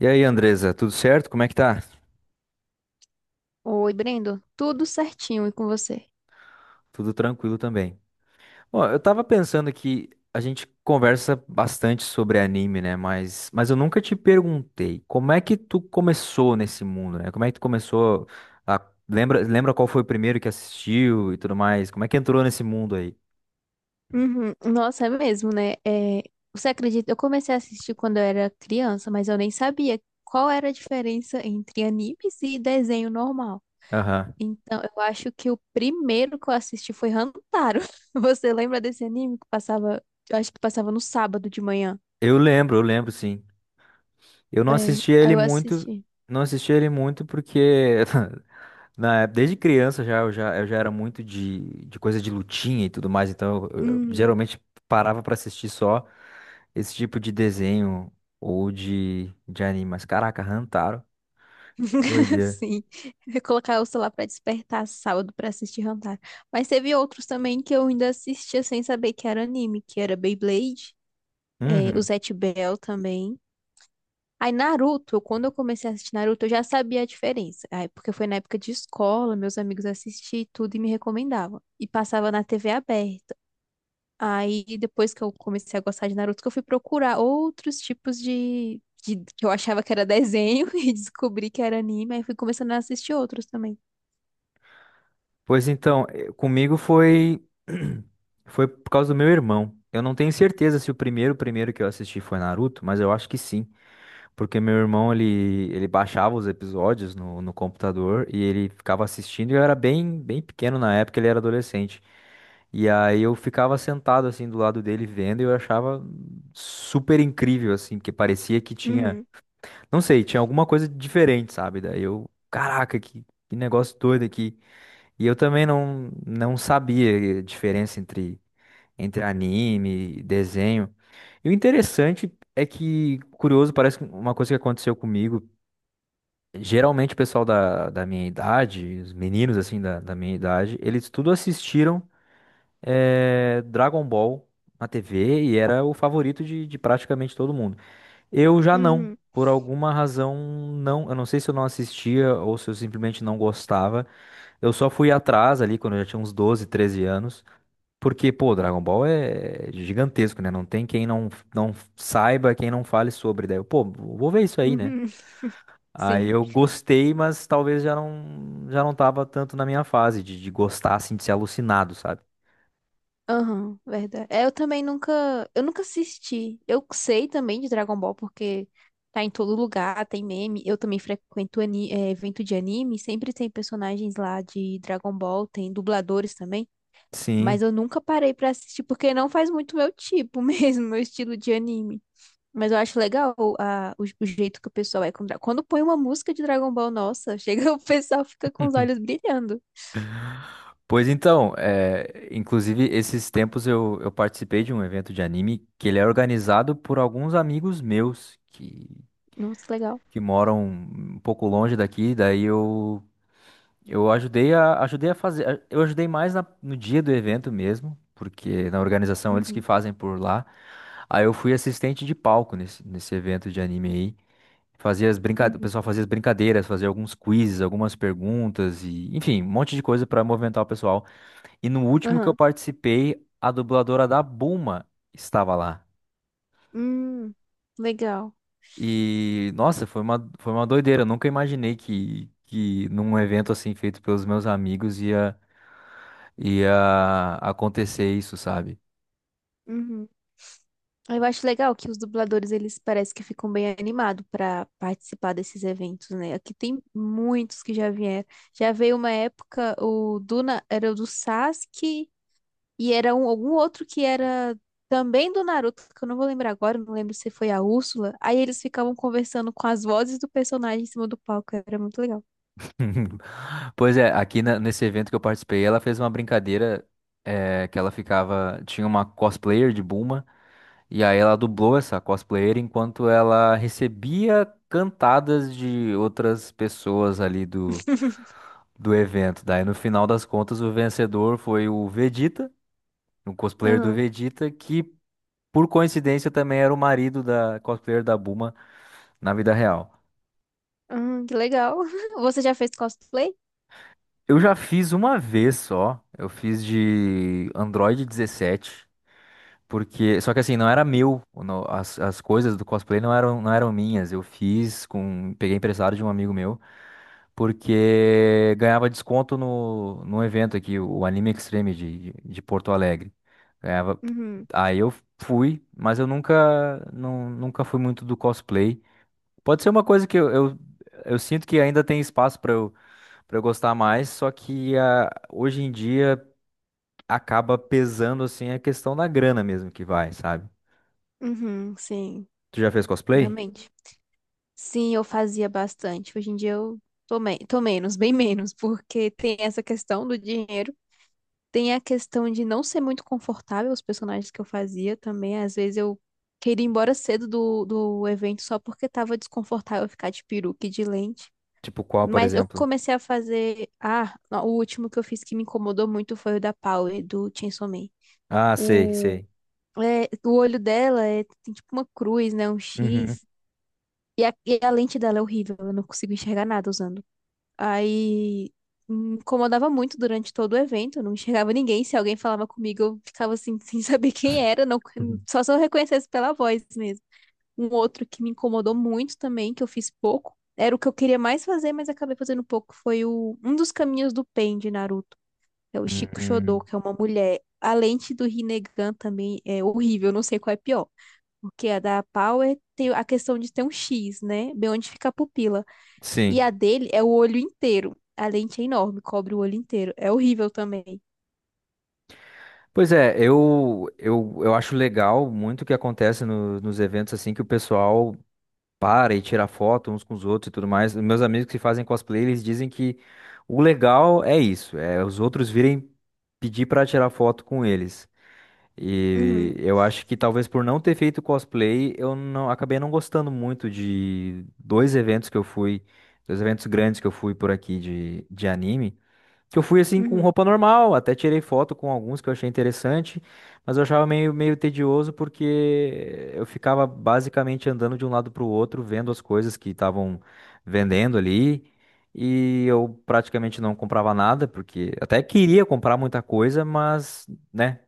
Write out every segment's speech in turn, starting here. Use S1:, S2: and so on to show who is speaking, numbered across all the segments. S1: E aí, Andresa, tudo certo? Como é que tá?
S2: Oi, Brendo. Tudo certinho e com você?
S1: Tudo tranquilo também. Bom, eu tava pensando que a gente conversa bastante sobre anime, né? Mas eu nunca te perguntei como é que tu começou nesse mundo, né? Como é que tu começou a... Lembra qual foi o primeiro que assistiu e tudo mais? Como é que entrou nesse mundo aí?
S2: Uhum. Nossa, é mesmo, né? Você acredita? Eu comecei a assistir quando eu era criança, mas eu nem sabia qual era a diferença entre animes e desenho normal.
S1: Aham.
S2: Então, eu acho que o primeiro que eu assisti foi Hantaro. Você lembra desse anime que passava? Eu acho que passava no sábado de manhã.
S1: Eu lembro, sim. Eu não
S2: É,
S1: assistia
S2: aí
S1: ele
S2: eu
S1: muito,
S2: assisti.
S1: porque Na- é, desde criança já eu já, eu já era muito de coisa de lutinha e tudo mais, então eu geralmente parava pra assistir só esse tipo de desenho ou de anime. Mas caraca, Hantaro, doideira.
S2: Sim, eu ia colocar o celular pra despertar sábado pra assistir Hunter. Mas teve outros também que eu ainda assistia sem saber que era anime, que era Beyblade, o
S1: Uhum.
S2: Zatch Bell também. Aí Naruto, quando eu comecei a assistir Naruto, eu já sabia a diferença. Aí, porque foi na época de escola, meus amigos assistiam e tudo e me recomendavam. E passava na TV aberta. Aí depois que eu comecei a gostar de Naruto, que eu fui procurar outros tipos que eu achava que era desenho e descobri que era anime, aí fui começando a assistir outros também.
S1: Pois então, comigo foi foi por causa do meu irmão. Eu não tenho certeza se o primeiro que eu assisti foi Naruto, mas eu acho que sim. Porque meu irmão, ele baixava os episódios no computador e ele ficava assistindo e eu era bem pequeno na época, ele era adolescente. E aí eu ficava sentado assim do lado dele vendo e eu achava super incrível assim, porque parecia que tinha,
S2: Uhum,
S1: não sei, tinha alguma coisa diferente, sabe? Daí eu, caraca, que negócio doido aqui. E eu também não sabia a diferença entre entre anime, desenho. E o interessante é que, curioso, parece que uma coisa que aconteceu comigo. Geralmente o pessoal da minha idade, os meninos assim da minha idade, eles tudo assistiram Dragon Ball na TV e era o favorito de praticamente todo mundo. Eu já não,
S2: uhum,
S1: por alguma razão não. Eu não sei se eu não assistia ou se eu simplesmente não gostava. Eu só fui atrás ali quando eu já tinha uns 12 13 anos. Porque, pô, Dragon Ball é gigantesco, né? Não tem quem não, não saiba, quem não fale sobre. Daí eu, pô, vou ver isso aí, né?
S2: uhum.
S1: Aí
S2: Sim.
S1: eu gostei, mas talvez já não tava tanto na minha fase de gostar, assim, de ser alucinado, sabe?
S2: Aham, verdade. Eu nunca assisti. Eu sei também de Dragon Ball porque tá em todo lugar, tem meme. Eu também é, evento de anime, sempre tem personagens lá de Dragon Ball, tem dubladores também.
S1: Sim.
S2: Mas eu nunca parei pra assistir, porque não faz muito meu tipo mesmo, meu estilo de anime. Mas eu acho legal o jeito que o pessoal é. Quando põe uma música de Dragon Ball, nossa, chega, o pessoal fica com os olhos brilhando.
S1: Pois então, é, inclusive, esses tempos eu participei de um evento de anime que ele é organizado por alguns amigos meus
S2: Nossa, legal.
S1: que moram um pouco longe daqui. Daí eu ajudei a, ajudei a fazer, eu ajudei mais na- no dia do evento mesmo, porque na organização eles
S2: Uhum,
S1: que fazem por lá. Aí eu fui assistente de palco nesse evento de anime aí. Fazia as brincadeiras, o
S2: uhum,
S1: pessoal fazia as brincadeiras, fazia alguns quizzes, algumas perguntas e, enfim, um monte de coisa pra movimentar o pessoal. E no último que eu
S2: aham.
S1: participei, a dubladora da Bulma estava lá.
S2: Hum, legal.
S1: E, nossa, foi uma doideira. Eu nunca imaginei que num evento assim feito pelos meus amigos ia. Ia acontecer isso, sabe?
S2: Uhum. Eu acho legal que os dubladores, eles parecem que ficam bem animados pra participar desses eventos, né? Aqui tem muitos que já vieram. Já veio uma época, o Duna era o do Sasuke. E era um, algum outro que era também do Naruto, que eu não vou lembrar agora, não lembro se foi a Úrsula. Aí eles ficavam conversando com as vozes do personagem em cima do palco, era muito legal.
S1: Pois é, aqui na- nesse evento que eu participei, ela fez uma brincadeira que ela ficava. Tinha uma cosplayer de Bulma, e aí ela dublou essa cosplayer enquanto ela recebia cantadas de outras pessoas ali do, do evento. Daí no final das contas, o vencedor foi o Vegeta, o cosplayer do
S2: Aham,
S1: Vegeta, que por coincidência também era o marido da cosplayer da Bulma na vida real.
S2: aham, que legal. Você já fez cosplay?
S1: Eu já fiz uma vez só. Eu fiz de Android 17, porque só que assim não era meu, não- as coisas do cosplay não eram minhas. Eu fiz com peguei emprestado de um amigo meu, porque ganhava desconto no evento aqui, o Anime Extreme de Porto Alegre. Ganhava.
S2: Uhum,
S1: Aí eu fui, mas eu nunca não, nunca fui muito do cosplay. Pode ser uma coisa que eu sinto que ainda tem espaço para pra eu gostar mais, só que ah, hoje em dia acaba pesando assim a questão da grana mesmo que vai, sabe?
S2: uhum, sim.
S1: Tu já fez cosplay?
S2: Realmente. Sim, eu fazia bastante. Hoje em dia eu tô menos, bem menos, porque tem essa questão do dinheiro. Tem a questão de não ser muito confortável os personagens que eu fazia também. Às vezes eu queria ir embora cedo do evento só porque tava desconfortável ficar de peruca e de lente.
S1: Tipo qual, por
S2: Mas eu
S1: exemplo?
S2: comecei a fazer. Ah, o último que eu fiz que me incomodou muito foi o da Power, do Chainsaw Man.
S1: Ah, sei,
S2: O,
S1: sei.
S2: o olho dela é, tem tipo uma cruz, né? Um
S1: Uhum.
S2: X. E a lente dela é horrível. Eu não consigo enxergar nada usando. Aí me incomodava muito durante todo o evento, eu não enxergava ninguém. Se alguém falava comigo, eu ficava assim, sem saber quem era, não,
S1: Uhum.
S2: só se eu reconhecesse pela voz mesmo. Um outro que me incomodou muito também, que eu fiz pouco, era o que eu queria mais fazer, mas acabei fazendo pouco, foi o, um dos caminhos do Pain de Naruto, é o Shiko Shodou,
S1: Uhum.
S2: que é uma mulher. A lente do Rinnegan também é horrível, eu não sei qual é pior. Porque a da Power tem a questão de ter um X, né? Bem onde fica a pupila. E
S1: Sim.
S2: a dele é o olho inteiro. A lente é enorme, cobre o olho inteiro. É horrível também.
S1: Pois é, eu acho legal muito o que acontece no- nos eventos assim que o pessoal para e tira foto uns com os outros e tudo mais. Os meus amigos que fazem cosplay, eles dizem que o legal é isso, é os outros virem pedir pra tirar foto com eles. E
S2: Uhum,
S1: eu acho que talvez por não ter feito cosplay, eu não acabei não gostando muito de dois eventos que eu fui, dois eventos grandes que eu fui por aqui de anime, que eu fui assim com
S2: uhum,
S1: roupa normal, até tirei foto com alguns que eu achei interessante, mas eu achava meio, meio tedioso porque eu ficava basicamente andando de um lado para o outro, vendo as coisas que estavam vendendo ali. E eu praticamente não comprava nada, porque até queria comprar muita coisa, mas né?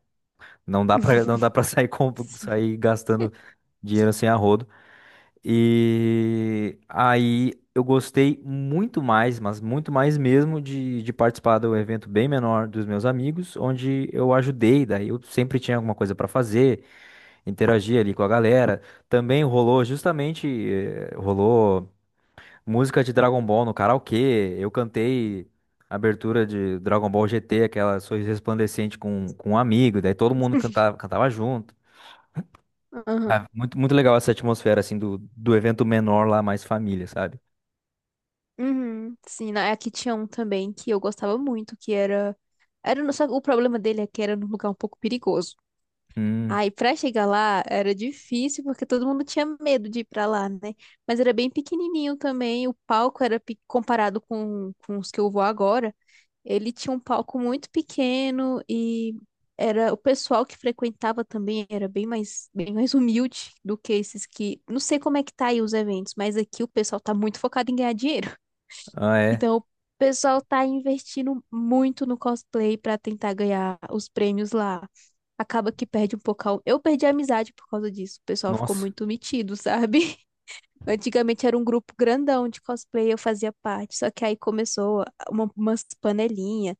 S1: Não dá para sair, com-
S2: sim.
S1: sair gastando dinheiro sem arrodo. E aí eu gostei muito mais, mas muito mais mesmo de participar do evento bem menor dos meus amigos, onde eu ajudei, daí eu sempre tinha alguma coisa pra fazer, interagir ali com a galera. Também rolou justamente, rolou música de Dragon Ball no karaokê. Eu cantei a abertura de Dragon Ball GT, aquela Sorriso Resplandecente com um amigo, daí todo mundo cantava, cantava junto.
S2: Aham.
S1: Ah, muito, muito legal essa atmosfera, assim, do, do evento menor lá, mais família, sabe?
S2: Uhum. Sim, aqui tinha um também que eu gostava muito, que era. Só que o problema dele é que era num lugar um pouco perigoso.
S1: Hum,
S2: Aí, pra chegar lá, era difícil, porque todo mundo tinha medo de ir pra lá, né? Mas era bem pequenininho também, o palco era pe- comparado com os que eu vou agora. Ele tinha um palco muito pequeno e era o pessoal que frequentava também era bem mais humilde do que esses que não sei como é que tá aí os eventos, mas aqui o pessoal tá muito focado em ganhar dinheiro.
S1: ah, é.
S2: Então o pessoal tá investindo muito no cosplay para tentar ganhar os prêmios lá. Acaba que perde um pouco. Eu perdi a amizade por causa disso. O pessoal ficou
S1: Nossa.
S2: muito metido, sabe? Antigamente era um grupo grandão de cosplay, eu fazia parte. Só que aí começou umas panelinhas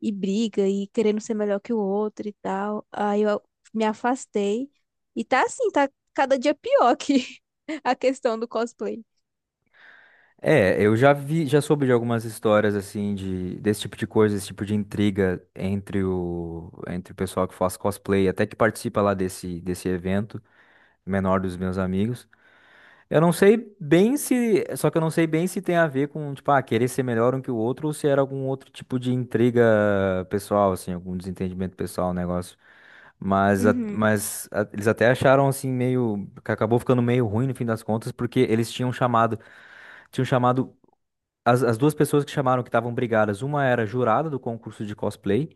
S2: e briga e querendo ser melhor que o outro e tal. Aí eu me afastei. E tá assim, tá cada dia pior que a questão do cosplay.
S1: É, eu já vi, já soube de algumas histórias, assim, de, desse tipo de coisa, esse tipo de intriga entre o, entre o pessoal que faz cosplay, até que participa lá desse, desse evento menor dos meus amigos. Eu não sei bem se. Só que eu não sei bem se tem a ver com, tipo, ah, querer ser melhor um que o outro ou se era algum outro tipo de intriga pessoal, assim, algum desentendimento pessoal, um negócio.
S2: Uhum,
S1: Mas a- eles até acharam, assim, meio. Que acabou ficando meio ruim no fim das contas, porque eles tinham chamado. Tinham chamado. As duas pessoas que chamaram que estavam brigadas, uma era jurada do concurso de cosplay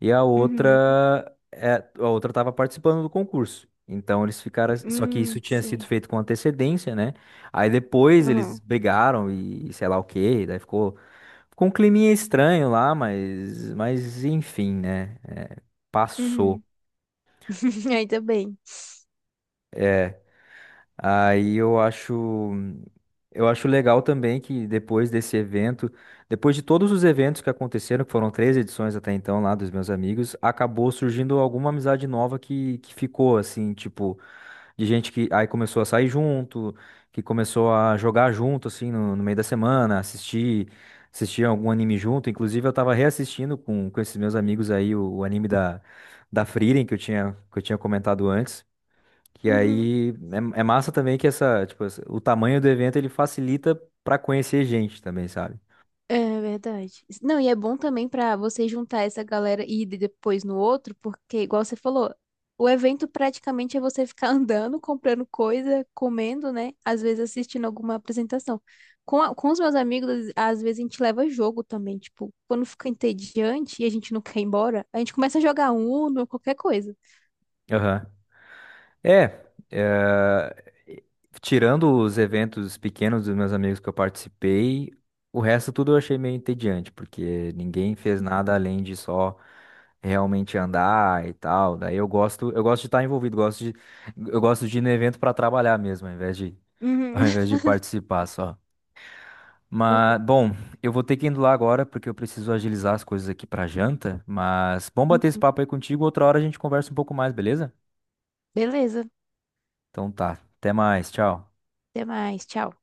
S1: e a
S2: uhum,
S1: outra, é, a outra estava participando do concurso. Então eles ficaram, só que isso tinha sido
S2: sim.
S1: feito com antecedência, né? Aí depois eles
S2: Uhum,
S1: brigaram e sei lá o quê, daí ficou, ficou um climinha estranho lá, mas enfim, né? É, passou.
S2: uhum, Ainda bem.
S1: Aí eu acho legal também que depois desse evento, depois de todos os eventos que aconteceram, que foram 3 edições até então lá dos meus amigos, acabou surgindo alguma amizade nova que ficou assim, tipo, de gente que aí começou a sair junto, que começou a jogar junto assim no, no meio da semana, assistir, assistir algum anime junto. Inclusive eu tava reassistindo com esses meus amigos aí o anime da da Frieren que eu tinha comentado antes. Que
S2: Uhum.
S1: aí é, é massa também que essa, tipo, essa- o tamanho do evento ele facilita pra conhecer gente também, sabe?
S2: É verdade. Não, e é bom também pra você juntar essa galera e ir depois no outro, porque, igual você falou, o evento praticamente é você ficar andando, comprando coisa, comendo, né? Às vezes assistindo alguma apresentação. Com os meus amigos, às vezes a gente leva jogo também. Tipo, quando fica entediante e a gente não quer ir embora, a gente começa a jogar Uno, qualquer coisa.
S1: Aham. É, é, tirando os eventos pequenos dos meus amigos que eu participei, o resto tudo eu achei meio entediante, porque ninguém fez nada além de só realmente andar e tal. Daí eu gosto de estar envolvido, gosto de, eu gosto de ir no evento para trabalhar mesmo, ao
S2: Uhum.
S1: invés de participar só. Mas, bom, eu vou ter que ir indo lá agora porque eu preciso agilizar as coisas aqui pra janta. Mas bom bater esse papo aí contigo. Outra hora a gente conversa um pouco mais, beleza?
S2: Beleza.
S1: Então tá. Até mais. Tchau.
S2: Até mais. Tchau.